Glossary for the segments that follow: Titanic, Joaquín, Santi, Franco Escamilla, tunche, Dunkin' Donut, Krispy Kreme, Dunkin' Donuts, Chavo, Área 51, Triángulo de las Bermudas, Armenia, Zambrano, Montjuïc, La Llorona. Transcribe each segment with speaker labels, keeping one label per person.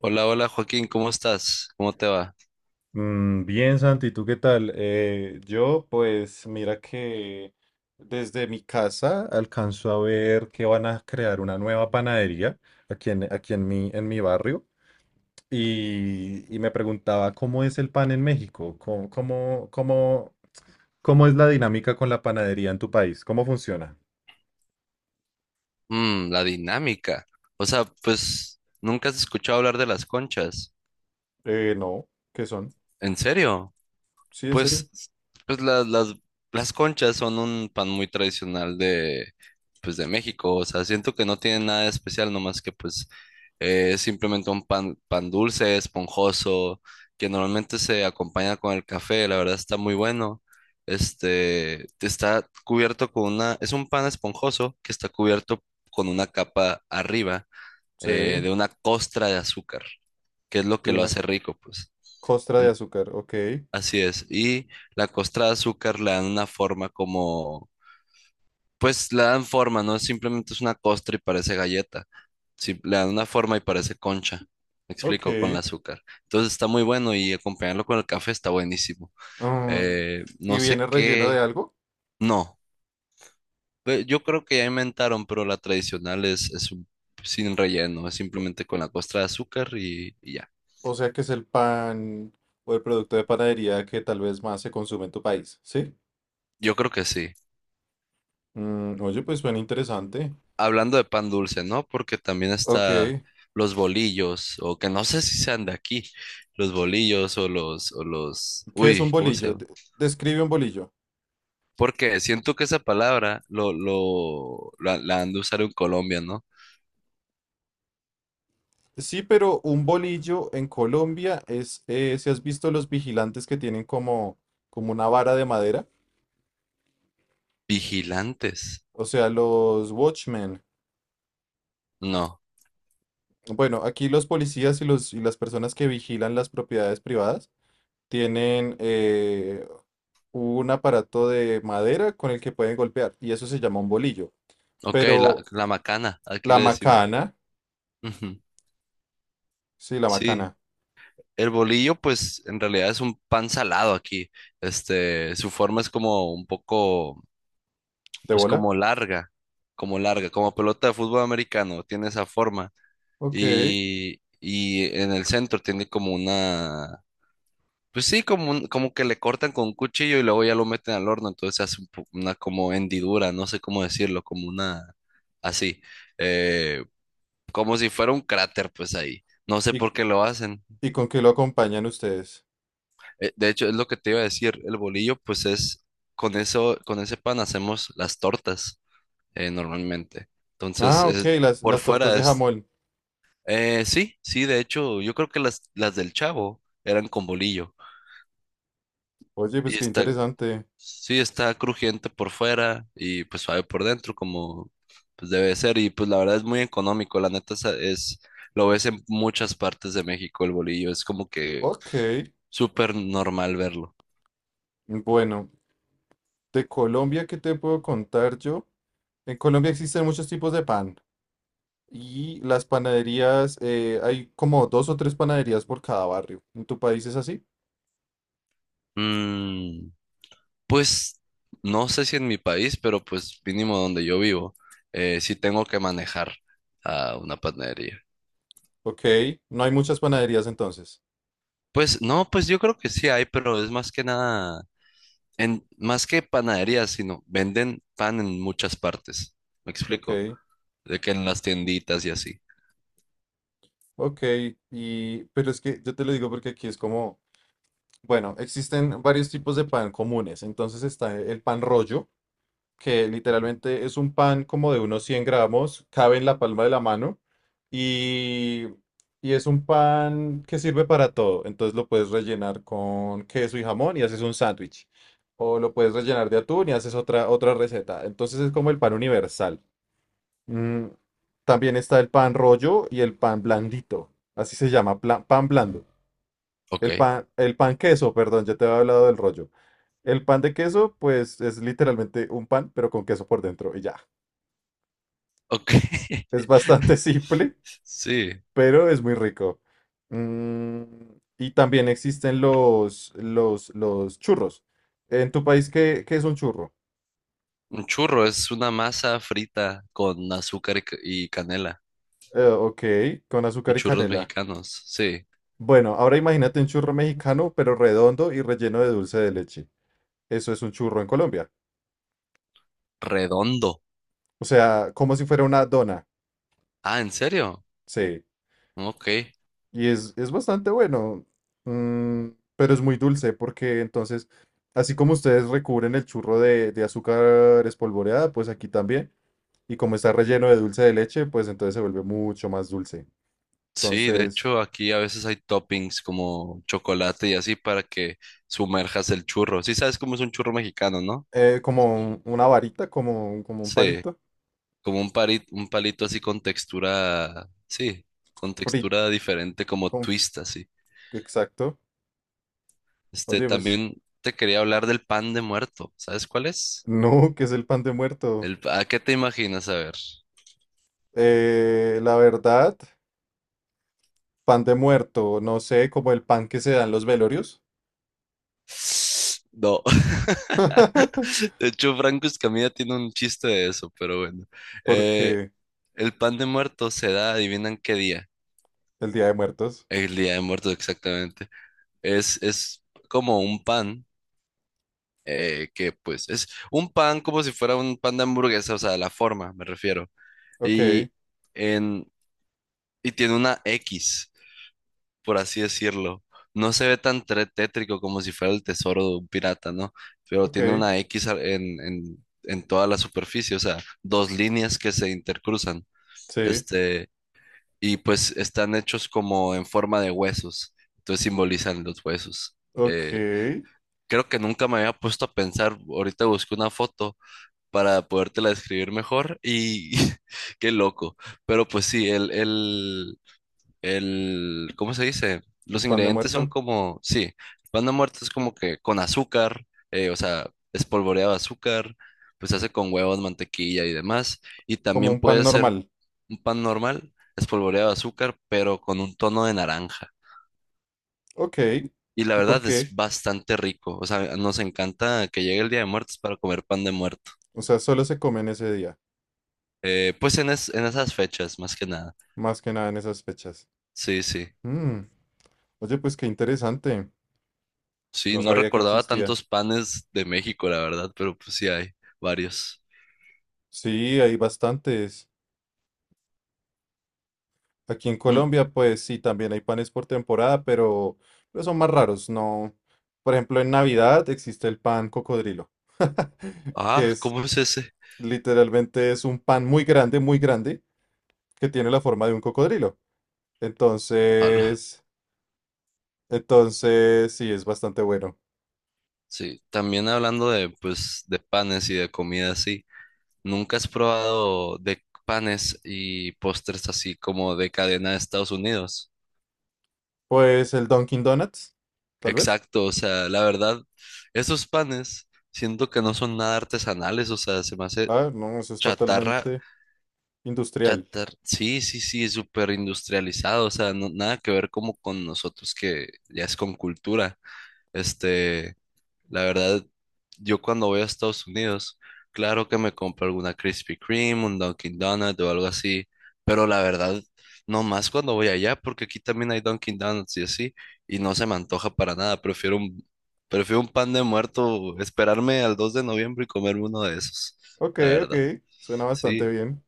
Speaker 1: Hola, hola Joaquín, ¿cómo estás? ¿Cómo te va?
Speaker 2: Mm, bien, Santi, ¿tú qué tal? Pues mira que desde mi casa alcanzo a ver que van a crear una nueva panadería aquí en mi barrio y me preguntaba cómo es el pan en México, cómo es la dinámica con la panadería en tu país, cómo funciona.
Speaker 1: Mm, la dinámica. O sea, pues nunca has escuchado hablar de las conchas.
Speaker 2: No, ¿qué son?
Speaker 1: ¿En serio?
Speaker 2: Sí, en serio.
Speaker 1: Pues, pues las conchas son un pan muy tradicional de, pues de México. O sea, siento que no tiene nada de especial, nomás que pues es simplemente un pan dulce, esponjoso, que normalmente se acompaña con el café. La verdad está muy bueno. Este, está cubierto con una, es un pan esponjoso que está cubierto con una capa arriba
Speaker 2: Sí, de
Speaker 1: de una costra de azúcar, que es lo que lo
Speaker 2: una
Speaker 1: hace rico, pues.
Speaker 2: costra de azúcar, ok,
Speaker 1: Así es. Y la costra de azúcar le dan una forma como, pues le dan forma, no simplemente es una costra y parece galleta. Sí, le dan una forma y parece concha. Me explico, con el
Speaker 2: ok.
Speaker 1: azúcar. Entonces está muy bueno y acompañarlo con el café está buenísimo.
Speaker 2: Mm, ¿y
Speaker 1: No sé
Speaker 2: viene relleno de
Speaker 1: qué.
Speaker 2: algo?
Speaker 1: No. Yo creo que ya inventaron, pero la tradicional es, sin relleno, es simplemente con la costra de azúcar y ya.
Speaker 2: O sea que es el pan o el producto de panadería que tal vez más se consume en tu país, ¿sí?
Speaker 1: Yo creo que sí.
Speaker 2: Mm, oye, pues suena interesante.
Speaker 1: Hablando de pan dulce, ¿no? Porque también
Speaker 2: Ok.
Speaker 1: está
Speaker 2: ¿Qué
Speaker 1: los bolillos, o que no sé si sean de aquí, los bolillos o los, o los,
Speaker 2: es un
Speaker 1: uy, ¿cómo se
Speaker 2: bolillo?
Speaker 1: llama?
Speaker 2: Describe un bolillo.
Speaker 1: Porque siento que esa palabra la han de usar en Colombia, ¿no?
Speaker 2: Sí, pero un bolillo en Colombia es, si has visto los vigilantes que tienen como, como una vara de madera,
Speaker 1: Vigilantes.
Speaker 2: o sea, los watchmen.
Speaker 1: No.
Speaker 2: Bueno, aquí los policías y, las personas que vigilan las propiedades privadas tienen un aparato de madera con el que pueden golpear y eso se llama un bolillo.
Speaker 1: Ok, la,
Speaker 2: Pero
Speaker 1: la macana, aquí
Speaker 2: la
Speaker 1: le decimos.
Speaker 2: macana,
Speaker 1: Ujú.
Speaker 2: sí, la
Speaker 1: Sí.
Speaker 2: macana
Speaker 1: El bolillo, pues, en realidad es un pan salado aquí. Este, su forma es como un poco
Speaker 2: de
Speaker 1: pues
Speaker 2: bola,
Speaker 1: como larga, como pelota de fútbol americano, tiene esa forma.
Speaker 2: ok.
Speaker 1: Y en el centro tiene como una, pues sí, como, como que le cortan con un cuchillo y luego ya lo meten al horno, entonces se hace una como hendidura, no sé cómo decirlo, como una, así, eh, como si fuera un cráter, pues ahí. No sé
Speaker 2: ¿Y,
Speaker 1: por
Speaker 2: cu-
Speaker 1: qué lo hacen.
Speaker 2: y con qué lo acompañan ustedes?
Speaker 1: De hecho, es lo que te iba a decir, el bolillo, pues es, con ese pan hacemos las tortas. Normalmente. Entonces,
Speaker 2: Ah, ok,
Speaker 1: por
Speaker 2: las tortas
Speaker 1: fuera
Speaker 2: de
Speaker 1: es.
Speaker 2: jamón.
Speaker 1: Sí, sí, de hecho, yo creo que las del Chavo eran con bolillo.
Speaker 2: Oye,
Speaker 1: Y
Speaker 2: pues qué
Speaker 1: está,
Speaker 2: interesante.
Speaker 1: sí, está crujiente por fuera y pues suave por dentro, como pues debe ser. Y pues la verdad es muy económico, la neta lo ves en muchas partes de México el bolillo, es como que
Speaker 2: Ok,
Speaker 1: súper normal verlo.
Speaker 2: bueno, de Colombia, ¿qué te puedo contar yo? En Colombia existen muchos tipos de pan. Y las panaderías, hay como dos o tres panaderías por cada barrio. ¿En tu país es así?
Speaker 1: Mm. Pues no sé si en mi país, pero pues mínimo donde yo vivo, sí tengo que manejar a una panadería.
Speaker 2: Ok, no hay muchas panaderías entonces.
Speaker 1: Pues no, pues yo creo que sí hay, pero es más que nada, más que panaderías, sino venden pan en muchas partes. ¿Me explico?
Speaker 2: Ok,
Speaker 1: De que en las tienditas y así.
Speaker 2: ok. Y, pero es que yo te lo digo porque aquí es como, bueno, existen varios tipos de pan comunes. Entonces está el pan rollo, que literalmente es un pan como de unos 100 gramos, cabe en la palma de la mano y, y es un pan que sirve para todo. Entonces lo puedes rellenar con queso y jamón y haces un sándwich. O lo puedes rellenar de atún y haces otra, otra receta. Entonces es como el pan universal. Mm, también está el pan rollo y el pan blandito. Así se llama, pan blando.
Speaker 1: Ok,
Speaker 2: El pan queso, perdón, ya te había hablado del rollo. El pan de queso, pues es literalmente un pan, pero con queso por dentro y ya.
Speaker 1: ok.
Speaker 2: Es bastante simple,
Speaker 1: Sí,
Speaker 2: pero es muy rico. Mm, y también existen los churros. En tu país, ¿ qué es un churro?
Speaker 1: un churro es una masa frita con azúcar y canela.
Speaker 2: Ok, con azúcar
Speaker 1: Los
Speaker 2: y
Speaker 1: churros
Speaker 2: canela.
Speaker 1: mexicanos, sí.
Speaker 2: Bueno, ahora imagínate un churro mexicano, pero redondo y relleno de dulce de leche. Eso es un churro en Colombia.
Speaker 1: Redondo.
Speaker 2: O sea, como si fuera una dona.
Speaker 1: Ah, ¿en serio?
Speaker 2: Sí.
Speaker 1: Ok.
Speaker 2: Y es bastante bueno, mm, pero es muy dulce porque entonces, así como ustedes recubren el churro de azúcar espolvoreada, pues aquí también. Y como está relleno de dulce de leche, pues entonces se vuelve mucho más dulce.
Speaker 1: Sí, de
Speaker 2: Entonces,
Speaker 1: hecho aquí a veces hay toppings como chocolate y así para que sumerjas el churro. Sí, sabes cómo es un churro mexicano, ¿no?
Speaker 2: como una varita, como, como un
Speaker 1: Sí,
Speaker 2: palito
Speaker 1: como un palito así con textura, sí, con
Speaker 2: frito.
Speaker 1: textura diferente como twist así.
Speaker 2: Exacto.
Speaker 1: Este,
Speaker 2: Oye, pues,
Speaker 1: también te quería hablar del pan de muerto. ¿Sabes cuál es?
Speaker 2: no, ¿qué es el pan de muerto?
Speaker 1: ¿A qué te imaginas? A ver.
Speaker 2: La verdad, pan de muerto, no sé, como el pan que se da en los velorios.
Speaker 1: No. De hecho, Franco Escamilla tiene un chiste de eso, pero bueno. Eh,
Speaker 2: Porque...
Speaker 1: el pan de muerto se da, ¿adivinan qué día?
Speaker 2: El Día de Muertos.
Speaker 1: El Día de Muertos, exactamente. Es como un pan, que pues es un pan como si fuera un pan de hamburguesa, o sea, la forma, me refiero.
Speaker 2: Ok,
Speaker 1: Y, en, y tiene una X, por así decirlo. No se ve tan tétrico como si fuera el tesoro de un pirata, ¿no? Pero tiene
Speaker 2: ok,
Speaker 1: una X en toda la superficie, o sea, dos líneas que se intercruzan.
Speaker 2: sí,
Speaker 1: Este, y pues están hechos como en forma de huesos, entonces simbolizan los huesos.
Speaker 2: ok.
Speaker 1: eh,
Speaker 2: El
Speaker 1: Creo que nunca me había puesto a pensar. Ahorita busqué una foto para podértela describir mejor y qué loco. Pero pues sí, el, ¿cómo se dice? Los
Speaker 2: pan de
Speaker 1: ingredientes son
Speaker 2: muerto.
Speaker 1: como, sí, pan muerto es como que con azúcar, o sea, espolvoreado azúcar, pues se hace con huevos, mantequilla y demás. Y
Speaker 2: Como
Speaker 1: también
Speaker 2: un pan
Speaker 1: puede ser
Speaker 2: normal.
Speaker 1: un pan normal, espolvoreado azúcar, pero con un tono de naranja.
Speaker 2: Ok.
Speaker 1: Y la
Speaker 2: ¿Y por
Speaker 1: verdad es
Speaker 2: qué?
Speaker 1: bastante rico. O sea, nos encanta que llegue el Día de Muertos para comer pan de muerto.
Speaker 2: O sea, solo se come en ese día.
Speaker 1: Pues en esas fechas, más que nada.
Speaker 2: Más que nada en esas fechas.
Speaker 1: Sí, sí.
Speaker 2: Mm, oye, pues qué interesante.
Speaker 1: Sí,
Speaker 2: No
Speaker 1: no
Speaker 2: sabía que
Speaker 1: recordaba
Speaker 2: existía.
Speaker 1: tantos panes de México, la verdad, pero pues sí hay varios.
Speaker 2: Sí, hay bastantes. Aquí en
Speaker 1: Mm,
Speaker 2: Colombia, pues sí, también hay panes por temporada, pero son más raros. No. Por ejemplo, en Navidad existe el pan cocodrilo, que
Speaker 1: ah,
Speaker 2: es
Speaker 1: ¿cómo es ese?
Speaker 2: literalmente es un pan muy grande que tiene la forma de un cocodrilo.
Speaker 1: Ala.
Speaker 2: Entonces, entonces sí, es bastante bueno.
Speaker 1: Sí, también hablando de, pues, de panes y de comida así. ¿Nunca has probado de panes y postres así como de cadena de Estados Unidos?
Speaker 2: Pues el Dunkin' Donuts, tal vez.
Speaker 1: Exacto, o sea, la verdad, esos panes siento que no son nada artesanales, o sea, se me hace
Speaker 2: Ah, no, eso es
Speaker 1: chatarra,
Speaker 2: totalmente industrial.
Speaker 1: chatarra, sí, sí, sí, súper industrializado, o sea, nada que ver como con nosotros que ya es con cultura, este, la verdad, yo cuando voy a Estados Unidos, claro que me compro alguna Krispy Kreme, un Dunkin' Donut o algo así, pero la verdad, no más cuando voy allá, porque aquí también hay Dunkin' Donuts y así, y no se me antoja para nada, prefiero un pan de muerto, esperarme al 2 de noviembre y comerme uno de esos,
Speaker 2: Ok,
Speaker 1: la
Speaker 2: ok,
Speaker 1: verdad.
Speaker 2: suena bastante
Speaker 1: Sí,
Speaker 2: bien.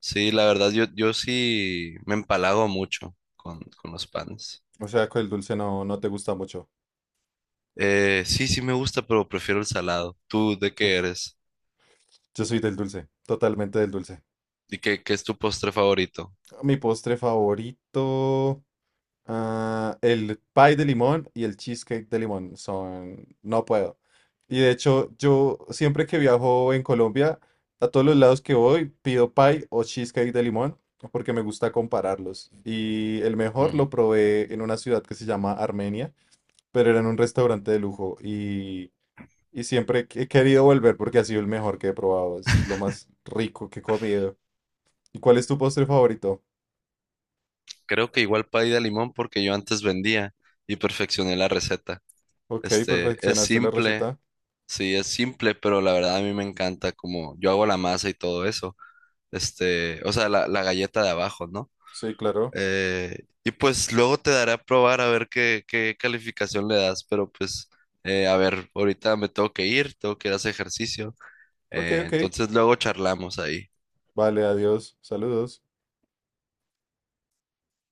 Speaker 1: sí, la verdad, yo sí me empalago mucho con los panes.
Speaker 2: O sea, que el dulce no, no te gusta mucho.
Speaker 1: Sí, sí me gusta, pero prefiero el salado. ¿Tú de qué
Speaker 2: Uf,
Speaker 1: eres?
Speaker 2: yo soy del dulce, totalmente del dulce.
Speaker 1: ¿Y qué es tu postre favorito?
Speaker 2: Mi postre favorito. Ah, el pie de limón y el cheesecake de limón son... No puedo. Y de hecho, yo siempre que viajo en Colombia, a todos los lados que voy, pido pie o cheesecake de limón porque me gusta compararlos. Y el mejor
Speaker 1: Mm,
Speaker 2: lo probé en una ciudad que se llama Armenia, pero era en un restaurante de lujo y siempre he querido volver porque ha sido el mejor que he probado. Es lo más rico que he comido. ¿Y cuál es tu postre favorito?
Speaker 1: creo que igual pay de limón porque yo antes vendía y perfeccioné la receta.
Speaker 2: Ok,
Speaker 1: Este, es
Speaker 2: perfeccionaste la
Speaker 1: simple,
Speaker 2: receta.
Speaker 1: sí, es simple, pero la verdad a mí me encanta como yo hago la masa y todo eso. Este, o sea, la galleta de abajo, ¿no?
Speaker 2: Sí, claro.
Speaker 1: Y pues luego te daré a probar a ver qué calificación le das, pero pues, a ver, ahorita me tengo que ir a hacer ejercicio.
Speaker 2: Ok,
Speaker 1: Eh,
Speaker 2: ok.
Speaker 1: entonces luego charlamos ahí.
Speaker 2: Vale, adiós. Saludos.